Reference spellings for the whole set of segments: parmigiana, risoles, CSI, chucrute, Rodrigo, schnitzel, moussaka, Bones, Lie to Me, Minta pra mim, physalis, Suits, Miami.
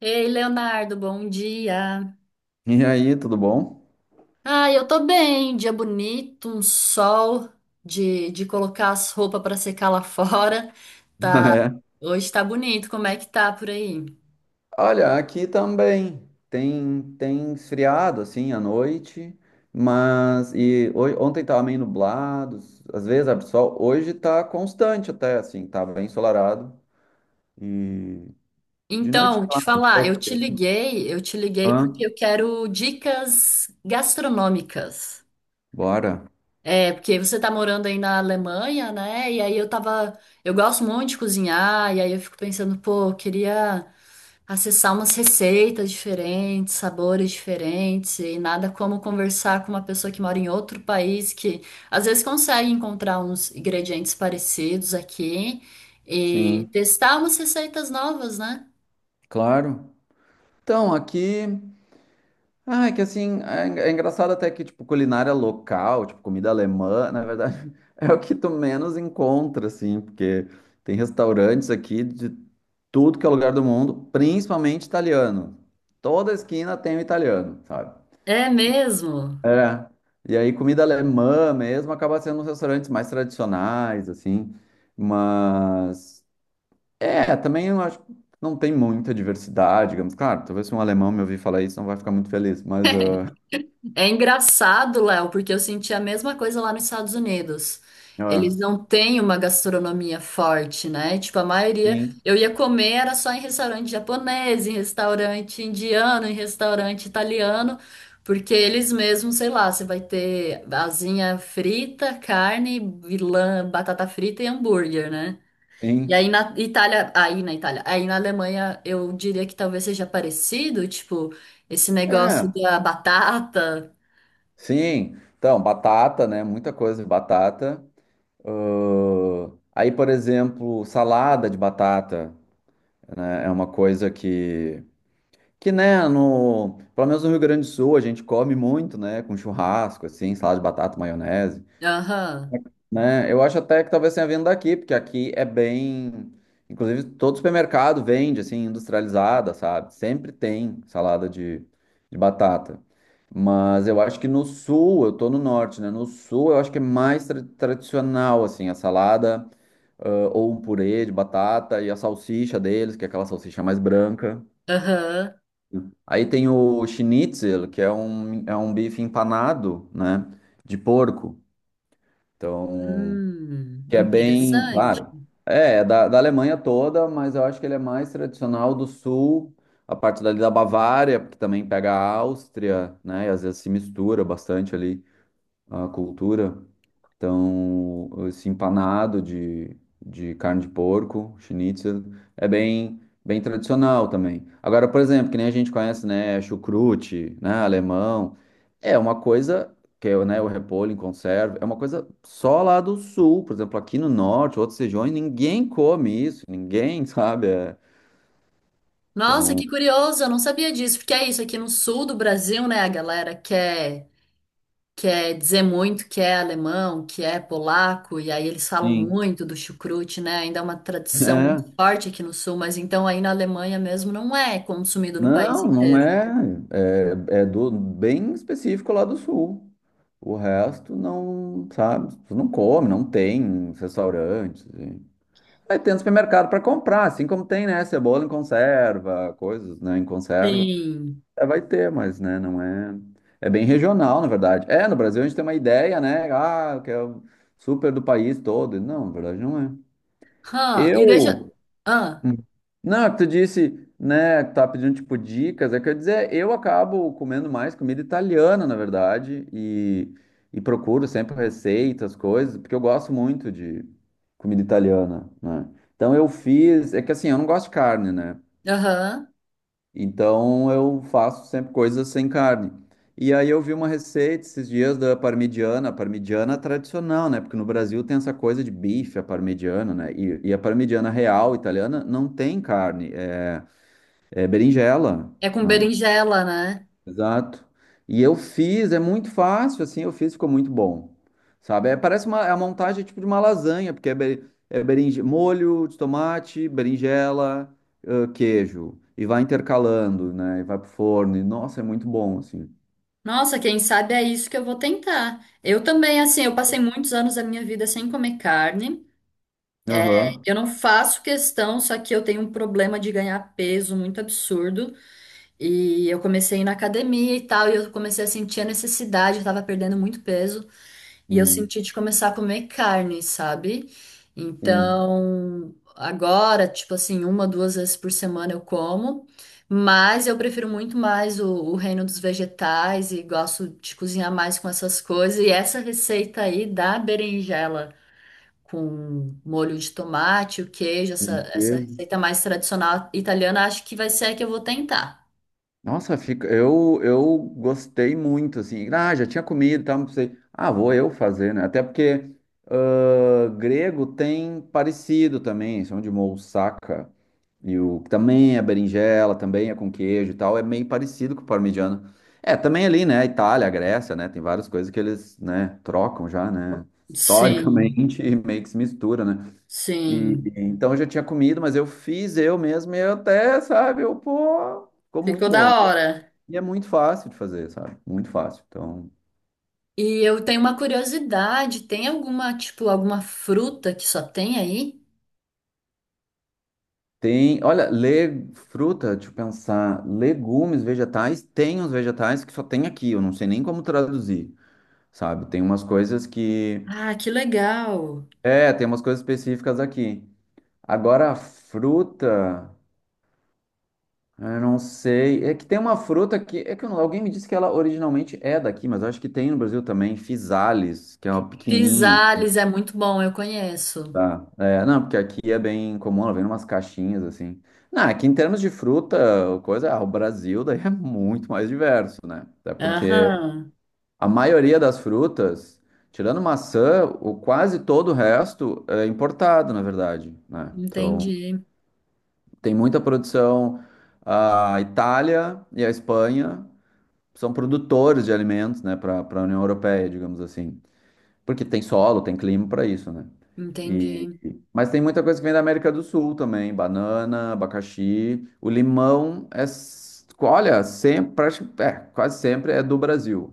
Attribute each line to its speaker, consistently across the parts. Speaker 1: Ei, Leonardo, bom dia.
Speaker 2: E aí, tudo bom?
Speaker 1: Ah, eu tô bem, dia bonito, um sol de colocar as roupas pra secar lá fora. Hoje tá bonito, como é que tá por aí?
Speaker 2: É. Olha, aqui também tem esfriado assim à noite, mas ontem estava meio nublado, às vezes abre sol, hoje está constante até assim, tá bem ensolarado e de noite
Speaker 1: Então, te
Speaker 2: claro,
Speaker 1: falar,
Speaker 2: vai
Speaker 1: eu te
Speaker 2: ser.
Speaker 1: liguei, eu te liguei
Speaker 2: Hã?
Speaker 1: porque eu quero dicas gastronômicas.
Speaker 2: Bora.
Speaker 1: É, porque você tá morando aí na Alemanha, né? E aí eu tava. Eu gosto muito de cozinhar, e aí eu fico pensando, pô, eu queria acessar umas receitas diferentes, sabores diferentes, e nada como conversar com uma pessoa que mora em outro país, que às vezes consegue encontrar uns ingredientes parecidos aqui e
Speaker 2: Sim,
Speaker 1: testar umas receitas novas, né?
Speaker 2: claro. Então, aqui. Ah, é que assim, é engraçado até que, tipo, culinária local, tipo, comida alemã, na verdade, é o que tu menos encontra, assim, porque tem restaurantes aqui de tudo que é lugar do mundo, principalmente italiano. Toda esquina tem um italiano, sabe?
Speaker 1: É mesmo.
Speaker 2: É. E aí, comida alemã mesmo acaba sendo nos restaurantes mais tradicionais, assim, mas... É, também eu acho que não tem muita diversidade, digamos. Claro, talvez se um alemão me ouvir falar isso, não vai ficar muito feliz, mas... ah,
Speaker 1: É engraçado, Léo, porque eu senti a mesma coisa lá nos Estados Unidos. Eles
Speaker 2: é.
Speaker 1: não têm uma gastronomia forte, né? Tipo, a maioria.
Speaker 2: Sim,
Speaker 1: Eu ia comer era só em restaurante japonês, em restaurante indiano, em restaurante italiano, porque eles mesmos, sei lá, você vai ter asinha frita, carne, vilã, batata frita e hambúrguer, né? E
Speaker 2: sim.
Speaker 1: aí na Itália, aí na Alemanha, eu diria que talvez seja parecido, tipo, esse
Speaker 2: É,
Speaker 1: negócio da batata.
Speaker 2: sim. Então, batata, né? Muita coisa de batata. Aí, por exemplo, salada de batata, né? É uma coisa que, né, no, pelo menos no Rio Grande do Sul, a gente come muito, né? Com churrasco, assim, salada de batata, maionese.
Speaker 1: Aham,
Speaker 2: Né? Eu acho até que talvez tenha vindo daqui, porque aqui é bem. Inclusive, todo supermercado vende, assim, industrializada, sabe? Sempre tem salada de batata. Mas eu acho que no sul, eu tô no norte, né? No sul, eu acho que é mais tradicional, assim, a salada, ah, ou um purê de batata e a salsicha deles, que é aquela salsicha mais branca.
Speaker 1: aham.
Speaker 2: Aí tem o schnitzel, que é um bife empanado, né? De porco. Então. Que é bem,
Speaker 1: Interessante.
Speaker 2: claro, é, é da, da Alemanha toda, mas eu acho que ele é mais tradicional do sul, a parte dali da Bavária, porque também pega a Áustria, né, e às vezes se mistura bastante ali a cultura. Então, esse empanado de carne de porco, schnitzel, é bem, bem tradicional também. Agora, por exemplo, que nem a gente conhece, né, chucrute, né, alemão, é uma coisa que é, né, o repolho em conserva, é uma coisa só lá do sul, por exemplo, aqui no norte, outras regiões, ninguém come isso, ninguém, sabe? É,
Speaker 1: Nossa,
Speaker 2: então,
Speaker 1: que curioso, eu não sabia disso, porque é isso, aqui no sul do Brasil, né, a galera quer, quer dizer muito que é alemão, que é polaco, e aí eles falam
Speaker 2: sim,
Speaker 1: muito do chucrute, né, ainda é uma tradição muito
Speaker 2: é.
Speaker 1: forte aqui no sul, mas então aí na Alemanha mesmo não é consumido no país
Speaker 2: Não, não
Speaker 1: inteiro.
Speaker 2: é. É, é do bem específico lá do sul. O resto não, sabe? Tu não come, não tem restaurantes. Aí tem no supermercado para comprar, assim como tem, né? Cebola em conserva, coisas, né? Em conserva.
Speaker 1: Sim.
Speaker 2: É, vai ter, mas, né? Não é. É bem regional, na verdade. É, no Brasil a gente tem uma ideia, né? Ah, que é o super do país todo. Não, na verdade não é.
Speaker 1: Hã, e deixa...
Speaker 2: Eu.
Speaker 1: Ah,
Speaker 2: Hum. Não, é que tu disse, né, que tá pedindo tipo dicas, é que eu ia dizer, eu acabo comendo mais comida italiana, na verdade, e procuro sempre receitas, coisas, porque eu gosto muito de comida italiana, né? Então eu fiz, é que assim, eu não gosto de carne, né?
Speaker 1: aham,
Speaker 2: Então eu faço sempre coisas sem carne. E aí eu vi uma receita esses dias da parmigiana, a parmigiana tradicional, né? Porque no Brasil tem essa coisa de bife, a parmigiana, né? E a parmigiana real italiana não tem carne, é berinjela,
Speaker 1: é com
Speaker 2: né?
Speaker 1: berinjela, né?
Speaker 2: Exato. E eu fiz, é muito fácil, assim, eu fiz, ficou muito bom. Sabe? É, parece uma, é a montagem tipo de uma lasanha, porque é, é berinje, molho de tomate, berinjela, queijo. E vai intercalando, né? E vai pro forno. E, nossa, é muito bom, assim.
Speaker 1: Nossa, quem sabe é isso que eu vou tentar. Eu também, assim, eu passei muitos anos da minha vida sem comer carne.
Speaker 2: Aham.
Speaker 1: Eu não faço questão, só que eu tenho um problema de ganhar peso muito absurdo. E eu comecei a ir na academia e tal, e eu comecei a sentir a necessidade, eu tava perdendo muito peso. E eu
Speaker 2: Hum,
Speaker 1: senti de começar a comer carne, sabe?
Speaker 2: sim.
Speaker 1: Então, agora, tipo assim, uma, duas vezes por semana eu como, mas eu prefiro muito mais o reino dos vegetais e gosto de cozinhar mais com essas coisas. E essa receita aí da berinjela com molho de tomate, o queijo, essa
Speaker 2: Sim.
Speaker 1: receita mais tradicional italiana, acho que vai ser a que eu vou tentar.
Speaker 2: Nossa, fica, eu gostei muito, assim. Ah, já tinha comido e tal, não sei. Ah, vou eu fazer, né? Até porque ah, grego tem parecido também, são de moussaka. E o que também é berinjela, também é com queijo e tal, é meio parecido com o parmigiano. É, também ali, né? Itália, Grécia, né? Tem várias coisas que eles, né, trocam já, né?
Speaker 1: Sim,
Speaker 2: Historicamente, e meio que se mistura, né? E
Speaker 1: sim.
Speaker 2: então eu já tinha comido, mas eu fiz eu mesmo e eu até, sabe, eu, pô, ficou muito
Speaker 1: Ficou
Speaker 2: bom,
Speaker 1: da hora.
Speaker 2: e é muito fácil de fazer, sabe? Muito fácil. Então,
Speaker 1: E eu tenho uma curiosidade, tem alguma, tipo, alguma fruta que só tem aí?
Speaker 2: tem, olha, le, fruta, deixa eu pensar, legumes, vegetais, tem uns vegetais que só tem aqui, eu não sei nem como traduzir, sabe? Tem umas coisas que,
Speaker 1: Ah, que legal.
Speaker 2: é, tem umas coisas específicas aqui. Agora, a fruta, eu não sei, é que tem uma fruta que, é que eu alguém me disse que ela originalmente é daqui, mas eu acho que tem no Brasil também, physalis, que é uma pequenininha.
Speaker 1: Pisales é muito bom, eu conheço.
Speaker 2: Tá. É, não, porque aqui é bem comum, ela vem umas caixinhas assim. Não, aqui em termos de fruta, coisa, ah, o Brasil daí é muito mais diverso, né? Até porque
Speaker 1: Aham.
Speaker 2: a maioria das frutas, tirando maçã, o quase todo o resto é importado, na verdade, né? Então,
Speaker 1: Entendi,
Speaker 2: tem muita produção. A Itália e a Espanha são produtores de alimentos, né, para a União Europeia, digamos assim. Porque tem solo, tem clima para isso, né? E,
Speaker 1: entendi.
Speaker 2: mas tem muita coisa que vem da América do Sul também, banana, abacaxi, o limão é, olha, sempre, é, quase sempre é do Brasil.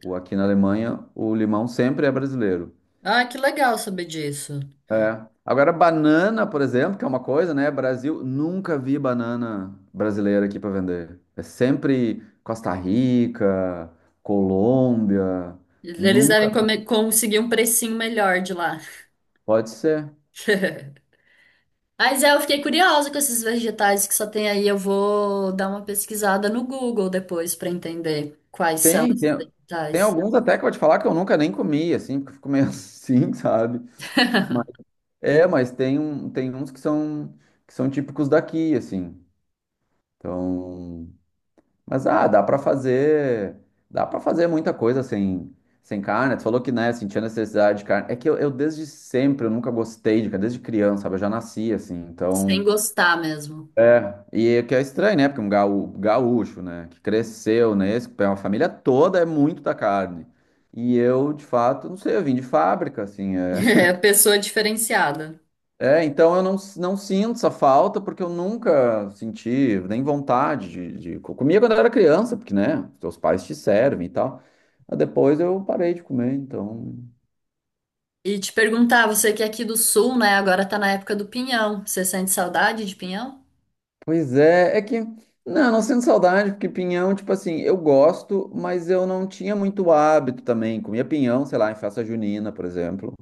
Speaker 2: O, aqui na Alemanha, o limão sempre é brasileiro.
Speaker 1: Ah, que legal saber disso.
Speaker 2: É. Agora, banana, por exemplo, que é uma coisa, né? Brasil, nunca vi banana brasileira aqui para vender. É sempre Costa Rica, Colômbia,
Speaker 1: Eles
Speaker 2: nunca,
Speaker 1: devem come- conseguir um precinho melhor de lá.
Speaker 2: pode ser.
Speaker 1: Mas é, eu fiquei curiosa com esses vegetais que só tem aí. Eu vou dar uma pesquisada no Google depois para entender quais são
Speaker 2: Tem,
Speaker 1: os
Speaker 2: tem, tem
Speaker 1: vegetais.
Speaker 2: alguns até que eu vou te falar que eu nunca nem comi, assim, porque eu fico meio assim, sabe? Mas, é, mas tem, um, tem uns que são típicos daqui, assim. Então, mas ah, dá pra fazer, dá para fazer muita coisa sem, sem carne. Tu falou que, né, sentia necessidade de carne. É que eu desde sempre, eu nunca gostei de carne, desde criança, sabe? Eu já nasci, assim,
Speaker 1: Sem
Speaker 2: então...
Speaker 1: gostar mesmo.
Speaker 2: É, e o que é estranho, né? Porque um gaúcho, né? Que cresceu nesse, que é uma família toda é muito da carne. E eu, de fato, não sei, eu vim de fábrica, assim. É,
Speaker 1: É, pessoa diferenciada.
Speaker 2: é, então eu não, não sinto essa falta, porque eu nunca senti nem vontade de... Comia quando eu era criança, porque, né? Teus pais te servem e tal. Mas depois eu parei de comer, então.
Speaker 1: E te perguntar, você que é aqui do sul, né? Agora tá na época do pinhão. Você sente saudade de pinhão?
Speaker 2: Pois é, é que não, não sinto saudade, porque pinhão, tipo assim, eu gosto, mas eu não tinha muito hábito também. Comia pinhão, sei lá, em festa junina, por exemplo,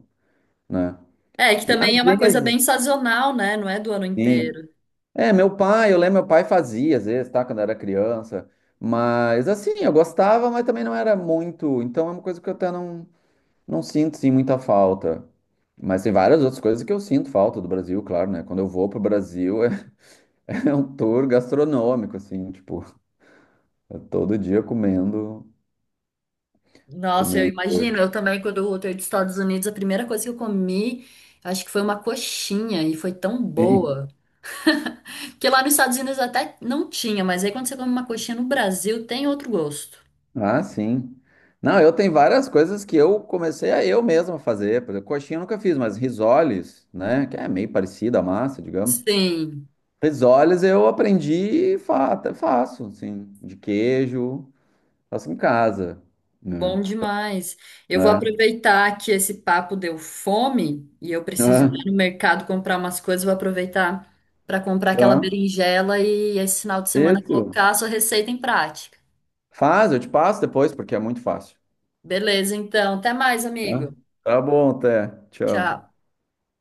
Speaker 2: né?
Speaker 1: É, que
Speaker 2: E às
Speaker 1: também é uma coisa
Speaker 2: vezes,
Speaker 1: bem sazonal, né? Não é do ano
Speaker 2: sim.
Speaker 1: inteiro.
Speaker 2: É, meu pai, eu lembro, meu pai fazia às vezes, tá? Quando eu era criança. Mas assim, eu gostava, mas também não era muito. Então é uma coisa que eu até não, não sinto, sim, muita falta. Mas tem várias outras coisas que eu sinto falta do Brasil, claro, né? Quando eu vou pro Brasil, é, é um tour gastronômico, assim, tipo. Eu todo dia comendo,
Speaker 1: Nossa, eu
Speaker 2: comendo coisa.
Speaker 1: imagino. Eu também, quando eu voltei dos Estados Unidos, a primeira coisa que eu comi, acho que foi uma coxinha e foi tão
Speaker 2: Sim.
Speaker 1: boa. Porque lá nos Estados Unidos até não tinha, mas aí quando você come uma coxinha no Brasil, tem outro gosto.
Speaker 2: Ah, sim. Não, eu tenho várias coisas que eu comecei a eu mesmo fazer. Por exemplo, coxinha eu nunca fiz, mas risoles, né? Que é meio parecida a massa, digamos.
Speaker 1: Sim.
Speaker 2: Risoles eu aprendi e fa até faço, assim, de queijo, faço em casa, né?
Speaker 1: Bom demais. Eu vou
Speaker 2: Né?
Speaker 1: aproveitar que esse papo deu fome e eu preciso
Speaker 2: Ah.
Speaker 1: ir no mercado comprar umas coisas. Vou aproveitar para comprar aquela
Speaker 2: Tá.
Speaker 1: berinjela e esse final de semana
Speaker 2: Isso.
Speaker 1: colocar a sua receita em prática.
Speaker 2: Faz, eu te passo depois, porque é muito fácil.
Speaker 1: Beleza, então. Até mais, amigo.
Speaker 2: Tá. Tá bom, até. Tchau.
Speaker 1: Tchau.